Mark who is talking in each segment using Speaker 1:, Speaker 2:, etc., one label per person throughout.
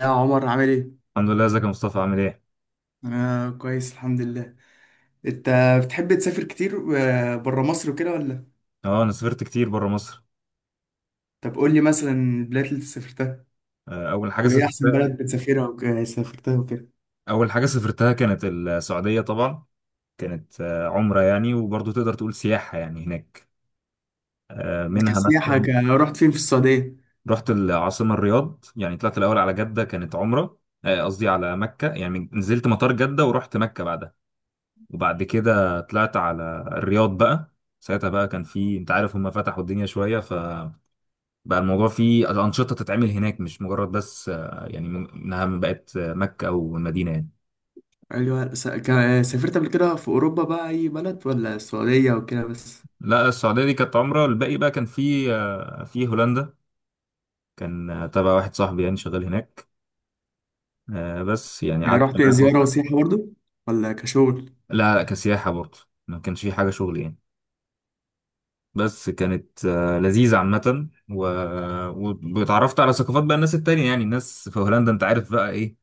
Speaker 1: يا عمر عامل ايه؟
Speaker 2: الحمد لله، ازيك يا مصطفى؟ عامل ايه؟
Speaker 1: انا كويس الحمد لله. انت بتحب تسافر كتير بره مصر وكده ولا؟
Speaker 2: اه، انا سافرت كتير بره مصر.
Speaker 1: طب قول لي مثلا البلاد اللي سافرتها،
Speaker 2: آه، اول حاجه
Speaker 1: وايه احسن
Speaker 2: سافرتها
Speaker 1: بلد بتسافرها وسافرتها وكده.
Speaker 2: اول حاجه سافرتها كانت السعوديه طبعا. كانت عمره يعني، وبرضه تقدر تقول سياحه يعني هناك. منها مثلا.
Speaker 1: رحت فين في السعودية؟
Speaker 2: رحت العاصمه الرياض، يعني طلعت الاول على جده كانت عمره. قصدي على مكه، يعني نزلت مطار جده ورحت مكه بعدها، وبعد كده طلعت على الرياض بقى. ساعتها بقى كان في، انت عارف، هم فتحوا الدنيا شويه، بقى الموضوع فيه أنشطة تتعمل هناك، مش مجرد بس يعني إنها بقت مكة أو المدينة يعني.
Speaker 1: ايوه. سافرت قبل كده في اوروبا بقى اي بلد ولا السعودية وكده بس؟
Speaker 2: لا، السعودية دي كانت عمرة. الباقي بقى كان في هولندا. كان تبع واحد صاحبي يعني شغال هناك. بس يعني
Speaker 1: يعني
Speaker 2: قعدت
Speaker 1: رحت
Speaker 2: معاه
Speaker 1: زيارة
Speaker 2: فترة.
Speaker 1: وسياحة برضو ولا كشغل؟
Speaker 2: لا لا، كسياحة برضه. ما كانش في حاجة شغل يعني. بس كانت لذيذة عامة، واتعرفت على ثقافات بقى الناس التانية. يعني الناس في هولندا، أنت عارف بقى إيه،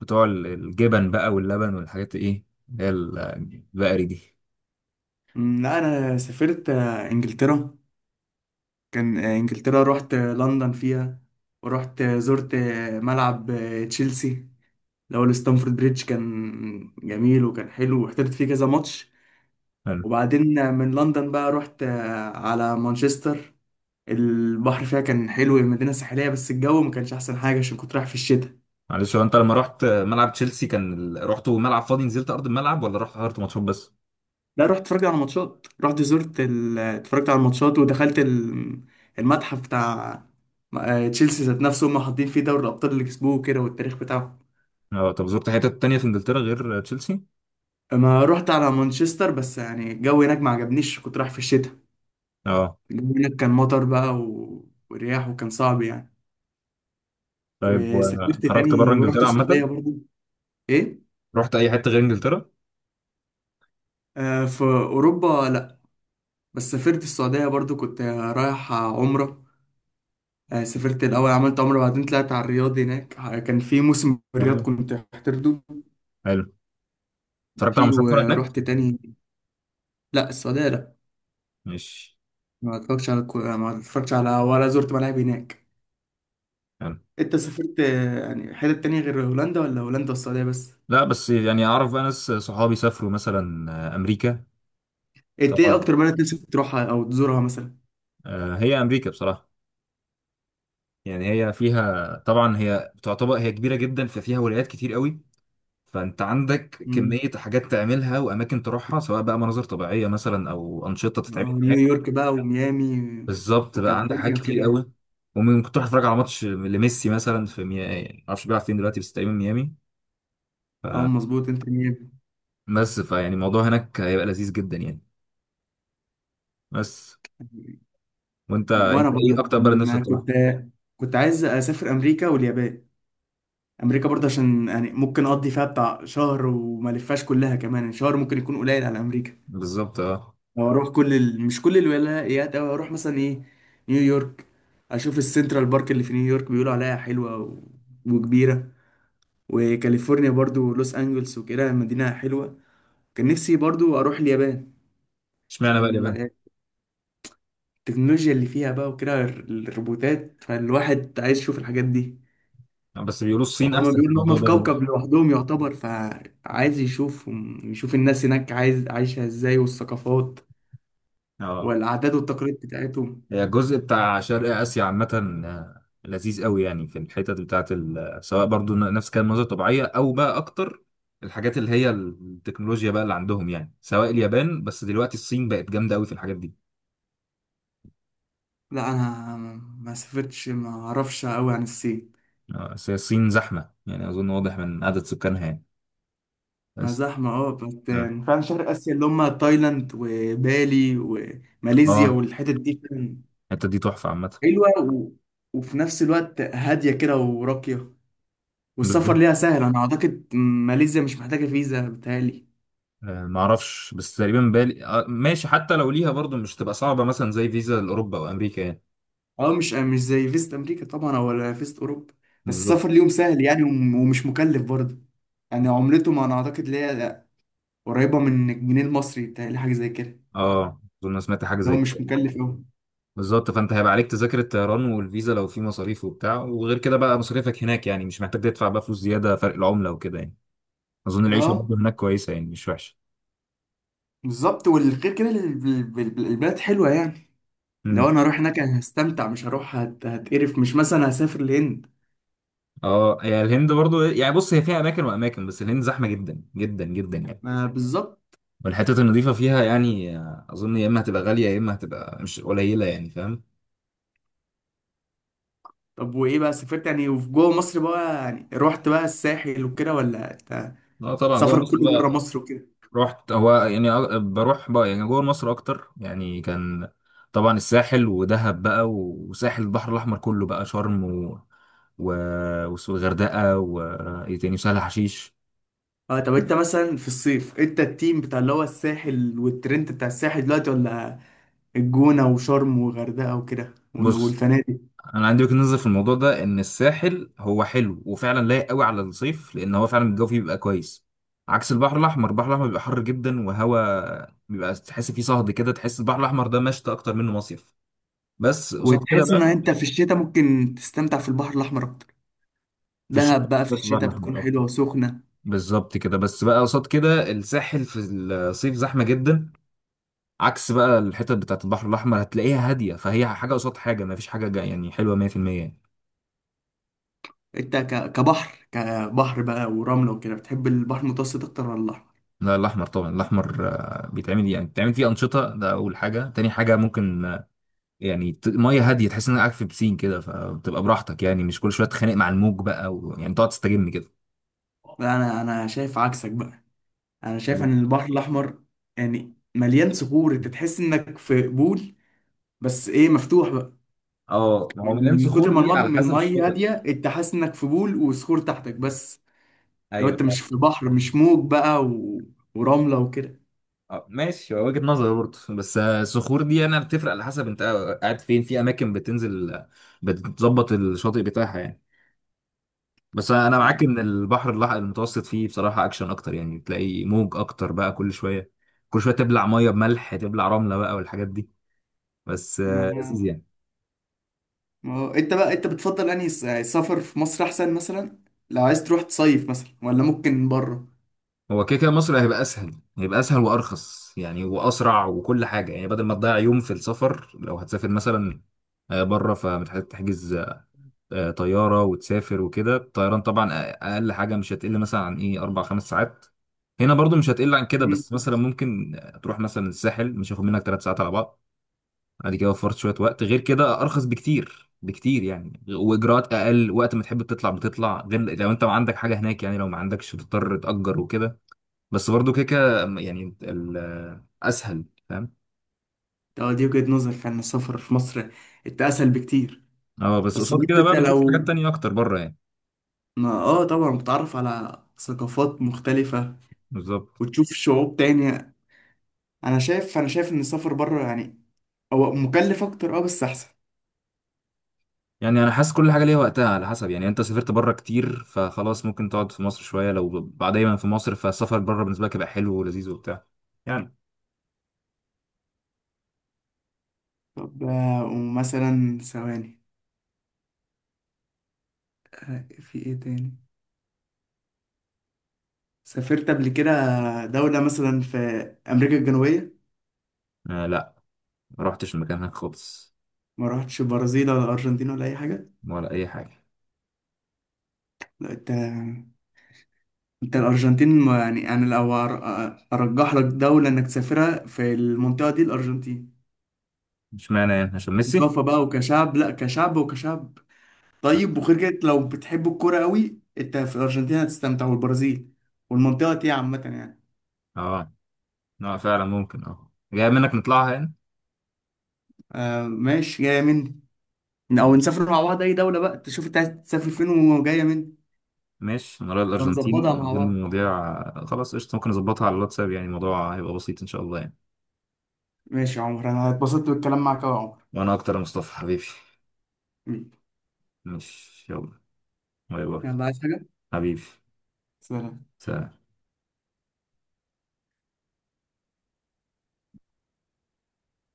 Speaker 2: بتوع الجبن بقى واللبن والحاجات، إيه اللي هي البقري دي.
Speaker 1: لا، انا سافرت انجلترا. كان انجلترا، رحت لندن فيها، ورحت زرت ملعب تشيلسي الأول ستانفورد بريدج. كان جميل وكان حلو، واحترت فيه كذا ماتش. وبعدين من لندن بقى رحت على مانشستر. البحر فيها كان حلو، المدينة ساحلية، بس الجو ما كانش أحسن حاجة عشان كنت رايح في الشتاء.
Speaker 2: معلش، هو انت لما رحت ملعب تشيلسي، كان رحتوا ملعب فاضي نزلت ارض الملعب، ولا رحت حضرت ماتشات بس؟
Speaker 1: لا، رحت اتفرجت على ماتشات، رحت اتفرجت على الماتشات، ودخلت المتحف بتاع تشيلسي ذات نفسه. هم حاطين فيه دوري الأبطال اللي كسبوه كده والتاريخ بتاعه.
Speaker 2: اه، طب زرت حتت تانية في انجلترا غير تشيلسي؟
Speaker 1: ما رحت على مانشستر بس يعني الجو هناك ما عجبنيش، كنت رايح في الشتاء.
Speaker 2: اه.
Speaker 1: هناك كان مطر بقى ورياح وكان صعب يعني.
Speaker 2: طيب،
Speaker 1: وسافرت
Speaker 2: وخرجت بره
Speaker 1: تاني ورحت
Speaker 2: انجلترا
Speaker 1: السعودية
Speaker 2: عامة؟
Speaker 1: برضو. ايه،
Speaker 2: رحت اي حتة غير انجلترا؟
Speaker 1: آه، في أوروبا لأ، بس سافرت السعودية برضو كنت رايح عمرة. آه سافرت الأول، عملت عمرة بعدين طلعت على الرياض. هناك كان في موسم في الرياض
Speaker 2: برضه.
Speaker 1: كنت محترده
Speaker 2: حلو. اتفرجت على
Speaker 1: فيه،
Speaker 2: ماتشات كورة هناك؟
Speaker 1: ورحت تاني. لأ السعودية لأ،
Speaker 2: ماشي.
Speaker 1: ما اتفرجتش على ولا زرت ملاعب هناك.
Speaker 2: حلو.
Speaker 1: انت سافرت يعني حتت تانية غير هولندا ولا هولندا والسعودية بس؟
Speaker 2: لا، بس يعني اعرف بقى ناس صحابي سافروا مثلا امريكا.
Speaker 1: انت ايه
Speaker 2: طبعا.
Speaker 1: أكتر بلد نفسك تروحها أو تزورها مثلا؟
Speaker 2: هي امريكا بصراحة، يعني هي فيها طبعا، هي تعتبر هي كبيرة جدا، ففيها ولايات كتير قوي. فانت عندك كمية حاجات تعملها واماكن تروحها، سواء بقى مناظر طبيعية مثلا او انشطة تتعمل هناك.
Speaker 1: نيويورك بقى وميامي
Speaker 2: بالظبط بقى، عندك حاجات
Speaker 1: وكاليفورنيا
Speaker 2: كتير
Speaker 1: وكده.
Speaker 2: قوي. وممكن تروح تتفرج على ماتش لميسي مثلا في ميامي، يعني معرفش بيلعب فين دلوقتي بس تقريبا ميامي. ف...
Speaker 1: اه مظبوط، انت ميامي.
Speaker 2: بس فيعني الموضوع هناك هيبقى لذيذ جدا يعني. بس، وانت انت
Speaker 1: وانا برضه
Speaker 2: ايه اكتر بلد نفسك تروحها؟
Speaker 1: كنت عايز اسافر امريكا واليابان. امريكا برضه عشان يعني ممكن اقضي فيها بتاع شهر وما لفاش كلها، كمان يعني شهر ممكن يكون قليل على امريكا.
Speaker 2: بالظبط. اه.
Speaker 1: لو اروح مش كل الولايات، او اروح مثلا ايه، نيويورك، اشوف السنترال بارك اللي في نيويورك بيقولوا عليها حلوه وكبيره. وكاليفورنيا برضو، لوس انجلس وكده مدينه حلوه. كان نفسي برضو اروح اليابان
Speaker 2: اشمعنى بقى
Speaker 1: عشان
Speaker 2: اليابان؟
Speaker 1: التكنولوجيا اللي فيها بقى وكده الروبوتات، فالواحد عايز يشوف الحاجات دي.
Speaker 2: بس بيقولوا الصين
Speaker 1: وهما
Speaker 2: احسن في
Speaker 1: بيقولوا ان هما
Speaker 2: الموضوع
Speaker 1: في
Speaker 2: ده
Speaker 1: كوكب
Speaker 2: دلوقتي.
Speaker 1: لوحدهم يعتبر، فعايز يشوفهم، يشوف الناس هناك عايز عايشة ازاي والثقافات
Speaker 2: اه،
Speaker 1: والعادات والتقاليد بتاعتهم.
Speaker 2: هي الجزء بتاع شرق آسيا عامة. آه، لذيذ قوي يعني، في الحتت بتاعت سواء برضو نفس كان مناظر طبيعية، أو بقى أكتر الحاجات اللي هي التكنولوجيا بقى اللي عندهم، يعني سواء اليابان، بس دلوقتي الصين بقت جامدة قوي في الحاجات دي.
Speaker 1: لا انا ما سافرتش ما اعرفش قوي عن الصين.
Speaker 2: بس هي الصين زحمة، يعني أظن واضح من عدد سكانها يعني.
Speaker 1: ما
Speaker 2: بس.
Speaker 1: زحمة اه بس.
Speaker 2: اه.
Speaker 1: فعلا شرق اسيا اللي هما تايلاند وبالي وماليزيا
Speaker 2: آه،
Speaker 1: والحتت دي فعلا
Speaker 2: الحتة دي تحفة عامة.
Speaker 1: حلوة وفي نفس الوقت هادية كده وراقية. والسفر
Speaker 2: بالظبط.
Speaker 1: ليها سهل، انا اعتقد ماليزيا مش محتاجه فيزا بتهيألي.
Speaker 2: معرفش، بس تقريبا بالي ماشي، حتى لو ليها برضو مش تبقى صعبة مثلا زي فيزا لأوروبا وأمريكا يعني.
Speaker 1: اه مش مش زي فيزة امريكا طبعا ولا فيزة اوروبا. بس السفر
Speaker 2: بالظبط.
Speaker 1: ليهم سهل يعني ومش مكلف برضه. يعني عملتهم انا اعتقد اللي هي قريبه من الجنيه المصري بتهيألي حاجه زي كده،
Speaker 2: اه، أظن أنا سمعت حاجة
Speaker 1: لو
Speaker 2: زي
Speaker 1: مش
Speaker 2: كده.
Speaker 1: مكلف قوي.
Speaker 2: بالظبط. فانت هيبقى عليك تذاكر الطيران والفيزا لو في مصاريف وبتاع، وغير كده بقى مصاريفك هناك، يعني مش محتاج تدفع بقى فلوس زياده فرق العمله وكده يعني. اظن العيشه برضه
Speaker 1: اه
Speaker 2: هناك كويسه يعني، مش وحشه.
Speaker 1: بالظبط. والغير كده البلد حلوه يعني. لو
Speaker 2: امم.
Speaker 1: انا هروح هناك أنا هستمتع مش هروح هتقرف، مش مثلا هسافر الهند.
Speaker 2: اه، هي الهند برضه يعني، بص هي فيها اماكن واماكن، بس الهند زحمه جدا جدا جدا يعني.
Speaker 1: ما بالظبط.
Speaker 2: والحتت النظيفه فيها يعني اظن يا اما هتبقى غاليه، يا اما هتبقى مش قليله يعني، فاهم.
Speaker 1: طب وايه بقى سافرت يعني، وفي جوه مصر بقى يعني رحت بقى الساحل وكده، ولا
Speaker 2: اه طبعا، جوه
Speaker 1: سفرك
Speaker 2: مصر
Speaker 1: كله بره
Speaker 2: بقى.
Speaker 1: مصر وكده؟
Speaker 2: رحت، هو يعني بروح بقى يعني جوه مصر اكتر يعني. كان طبعا الساحل ودهب بقى، وساحل البحر الاحمر كله بقى، شرم و و والغردقه، وايه تاني، وسهل حشيش.
Speaker 1: اه طب انت مثلا في الصيف انت التيم بتاع اللي هو الساحل والترند بتاع الساحل دلوقتي، ولا الجونة وشرم وغردقة وكده
Speaker 2: بص،
Speaker 1: والفنادق؟
Speaker 2: انا عندي وجهة نظر في الموضوع ده، ان الساحل هو حلو وفعلا لايق قوي على الصيف، لان هو فعلا الجو فيه بيبقى كويس، عكس البحر الاحمر. البحر الاحمر بيبقى حر جدا، وهوا بيبقى تحس فيه صهد كده، تحس البحر الاحمر ده مشتى اكتر منه مصيف. بس قصاد كده
Speaker 1: وتحس ان
Speaker 2: بقى،
Speaker 1: انت في الشتاء ممكن تستمتع في البحر الاحمر اكتر،
Speaker 2: في الشتاء
Speaker 1: دهب بقى في
Speaker 2: في البحر
Speaker 1: الشتاء
Speaker 2: الاحمر
Speaker 1: بتكون
Speaker 2: اكتر.
Speaker 1: حلوة وسخنة.
Speaker 2: بالظبط كده. بس بقى قصاد كده، الساحل في الصيف زحمه جدا، عكس بقى الحتت بتاعت البحر الاحمر هتلاقيها هاديه. فهي حاجه قصاد حاجه، ما فيش حاجه يعني حلوه 100% يعني.
Speaker 1: انت كبحر بقى ورملة وكده، بتحب البحر المتوسط اكتر ولا الاحمر؟
Speaker 2: لا، الاحمر طبعا. الاحمر بيتعمل فيه انشطه، ده اول حاجه. تاني حاجه، ممكن يعني ميه هاديه، تحس انك قاعد في بسين كده، فبتبقى براحتك يعني، مش كل شويه تتخانق مع الموج بقى، يعني تقعد تستجم كده.
Speaker 1: لا انا شايف عكسك بقى. انا شايف
Speaker 2: حلو.
Speaker 1: ان البحر الاحمر يعني مليان صخور، انت تحس انك في بول، بس ايه، مفتوح بقى.
Speaker 2: اه، ما هو مليان
Speaker 1: من
Speaker 2: صخور
Speaker 1: كتر ما
Speaker 2: دي
Speaker 1: المض-
Speaker 2: على
Speaker 1: ما
Speaker 2: حسب
Speaker 1: المية
Speaker 2: الشاطئ.
Speaker 1: هادية انت حاسس انك في بول وصخور تحتك بس. لو
Speaker 2: ايوه.
Speaker 1: انت مش في بحر، مش موج بقى ورملة وكده.
Speaker 2: اه ماشي، هو وجهة نظر برضه، بس الصخور دي انا بتفرق على حسب انت قاعد فين، في اماكن بتنزل بتظبط الشاطئ بتاعها يعني. بس انا
Speaker 1: مش عارف.
Speaker 2: معاك ان البحر المتوسط فيه بصراحة اكشن اكتر، يعني تلاقي موج اكتر بقى كل شوية، كل شوية تبلع مية بملح، تبلع رملة بقى والحاجات دي. بس
Speaker 1: ما...
Speaker 2: لذيذ يعني.
Speaker 1: ما... انت بقى انت بتفضل انهي السفر في مصر احسن مثلا، لو عايز تروح تصيف مثلا ولا ممكن بره؟
Speaker 2: هو كده كده مصر هيبقى اسهل، هيبقى اسهل وارخص يعني واسرع وكل حاجة. يعني بدل ما تضيع يوم في السفر، لو هتسافر مثلا بره فمتحتاج تحجز طيارة وتسافر وكده. الطيران طبعا، أقل حاجة مش هتقل مثلا عن إيه أربع خمس ساعات. هنا برضو مش هتقل عن كده،
Speaker 1: مم.
Speaker 2: بس مثلا ممكن تروح مثلا الساحل مش هياخد منك ثلاث ساعات على بعض. بعد كده وفرت شوية وقت، غير كده أرخص بكتير بكتير يعني، وإجراءات أقل، وقت ما تحب تطلع بتطلع، غير لو أنت ما عندك حاجة هناك يعني، لو ما عندكش بتضطر تأجر وكده. بس برضو كده كده يعني، أسهل، فاهم.
Speaker 1: ده دي وجهة نظر، فعلا السفر في مصر انت اسهل بكتير.
Speaker 2: أه، بس
Speaker 1: بس
Speaker 2: قصاد
Speaker 1: برضه
Speaker 2: كده
Speaker 1: انت
Speaker 2: بقى بتشوف حاجات
Speaker 1: لو
Speaker 2: تانية أكتر بره يعني.
Speaker 1: ما، اه طبعا بتتعرف على ثقافات مختلفة
Speaker 2: بالظبط.
Speaker 1: وتشوف شعوب تانية. انا شايف، انا شايف ان السفر بره يعني هو مكلف اكتر اه بس احسن.
Speaker 2: يعني انا حاسس كل حاجه ليها وقتها، على حسب يعني، انت سافرت بره كتير فخلاص ممكن تقعد في مصر شويه، لو بعد دايما في مصر فالسفر بره بالنسبه لك يبقى حلو ولذيذ وبتاع يعني.
Speaker 1: طب ومثلا ثواني، في ايه تاني سافرت قبل كده دولة مثلا في امريكا الجنوبية؟
Speaker 2: آه لا. ما رحتش المكان هناك خالص.
Speaker 1: ما رحتش برازيل ولا ارجنتين ولا اي حاجة؟
Speaker 2: ولا اي حاجه.
Speaker 1: لا انت، انت الارجنتين، يعني انا لو ارجح لك دولة انك تسافرها في المنطقة دي، الارجنتين،
Speaker 2: مش معنى يعني عشان ميسي.
Speaker 1: ثقافة بقى وكشعب، لا كشعب وكشعب. طيب وغير كده لو بتحب الكوره قوي، انت في الارجنتين هتستمتع والبرازيل والمنطقه دي عامه يعني.
Speaker 2: اه. اه فعلا، ممكن. اه، جاي منك نطلعها يعني.
Speaker 1: آه ماشي، جايه مني. او
Speaker 2: خلاص.
Speaker 1: نسافر مع بعض اي دوله بقى، تشوف انت عايز تسافر فين وجايه مني.
Speaker 2: ماشي، انا رايح
Speaker 1: نبقى
Speaker 2: الارجنتين
Speaker 1: نظبطها مع
Speaker 2: بدون
Speaker 1: بعض.
Speaker 2: المواضيع. خلاص، قشطه. ممكن اظبطها على الواتساب، يعني الموضوع هيبقى بسيط ان شاء الله يعني.
Speaker 1: ماشي يا عمر، انا اتبسطت بالكلام معاك أوي يا عمر.
Speaker 2: وانا اكتر يا مصطفى حبيبي. ماشي يلا. باي باي.
Speaker 1: يلا، عايز حاجه؟
Speaker 2: حبيبي.
Speaker 1: سلام.
Speaker 2: سلام.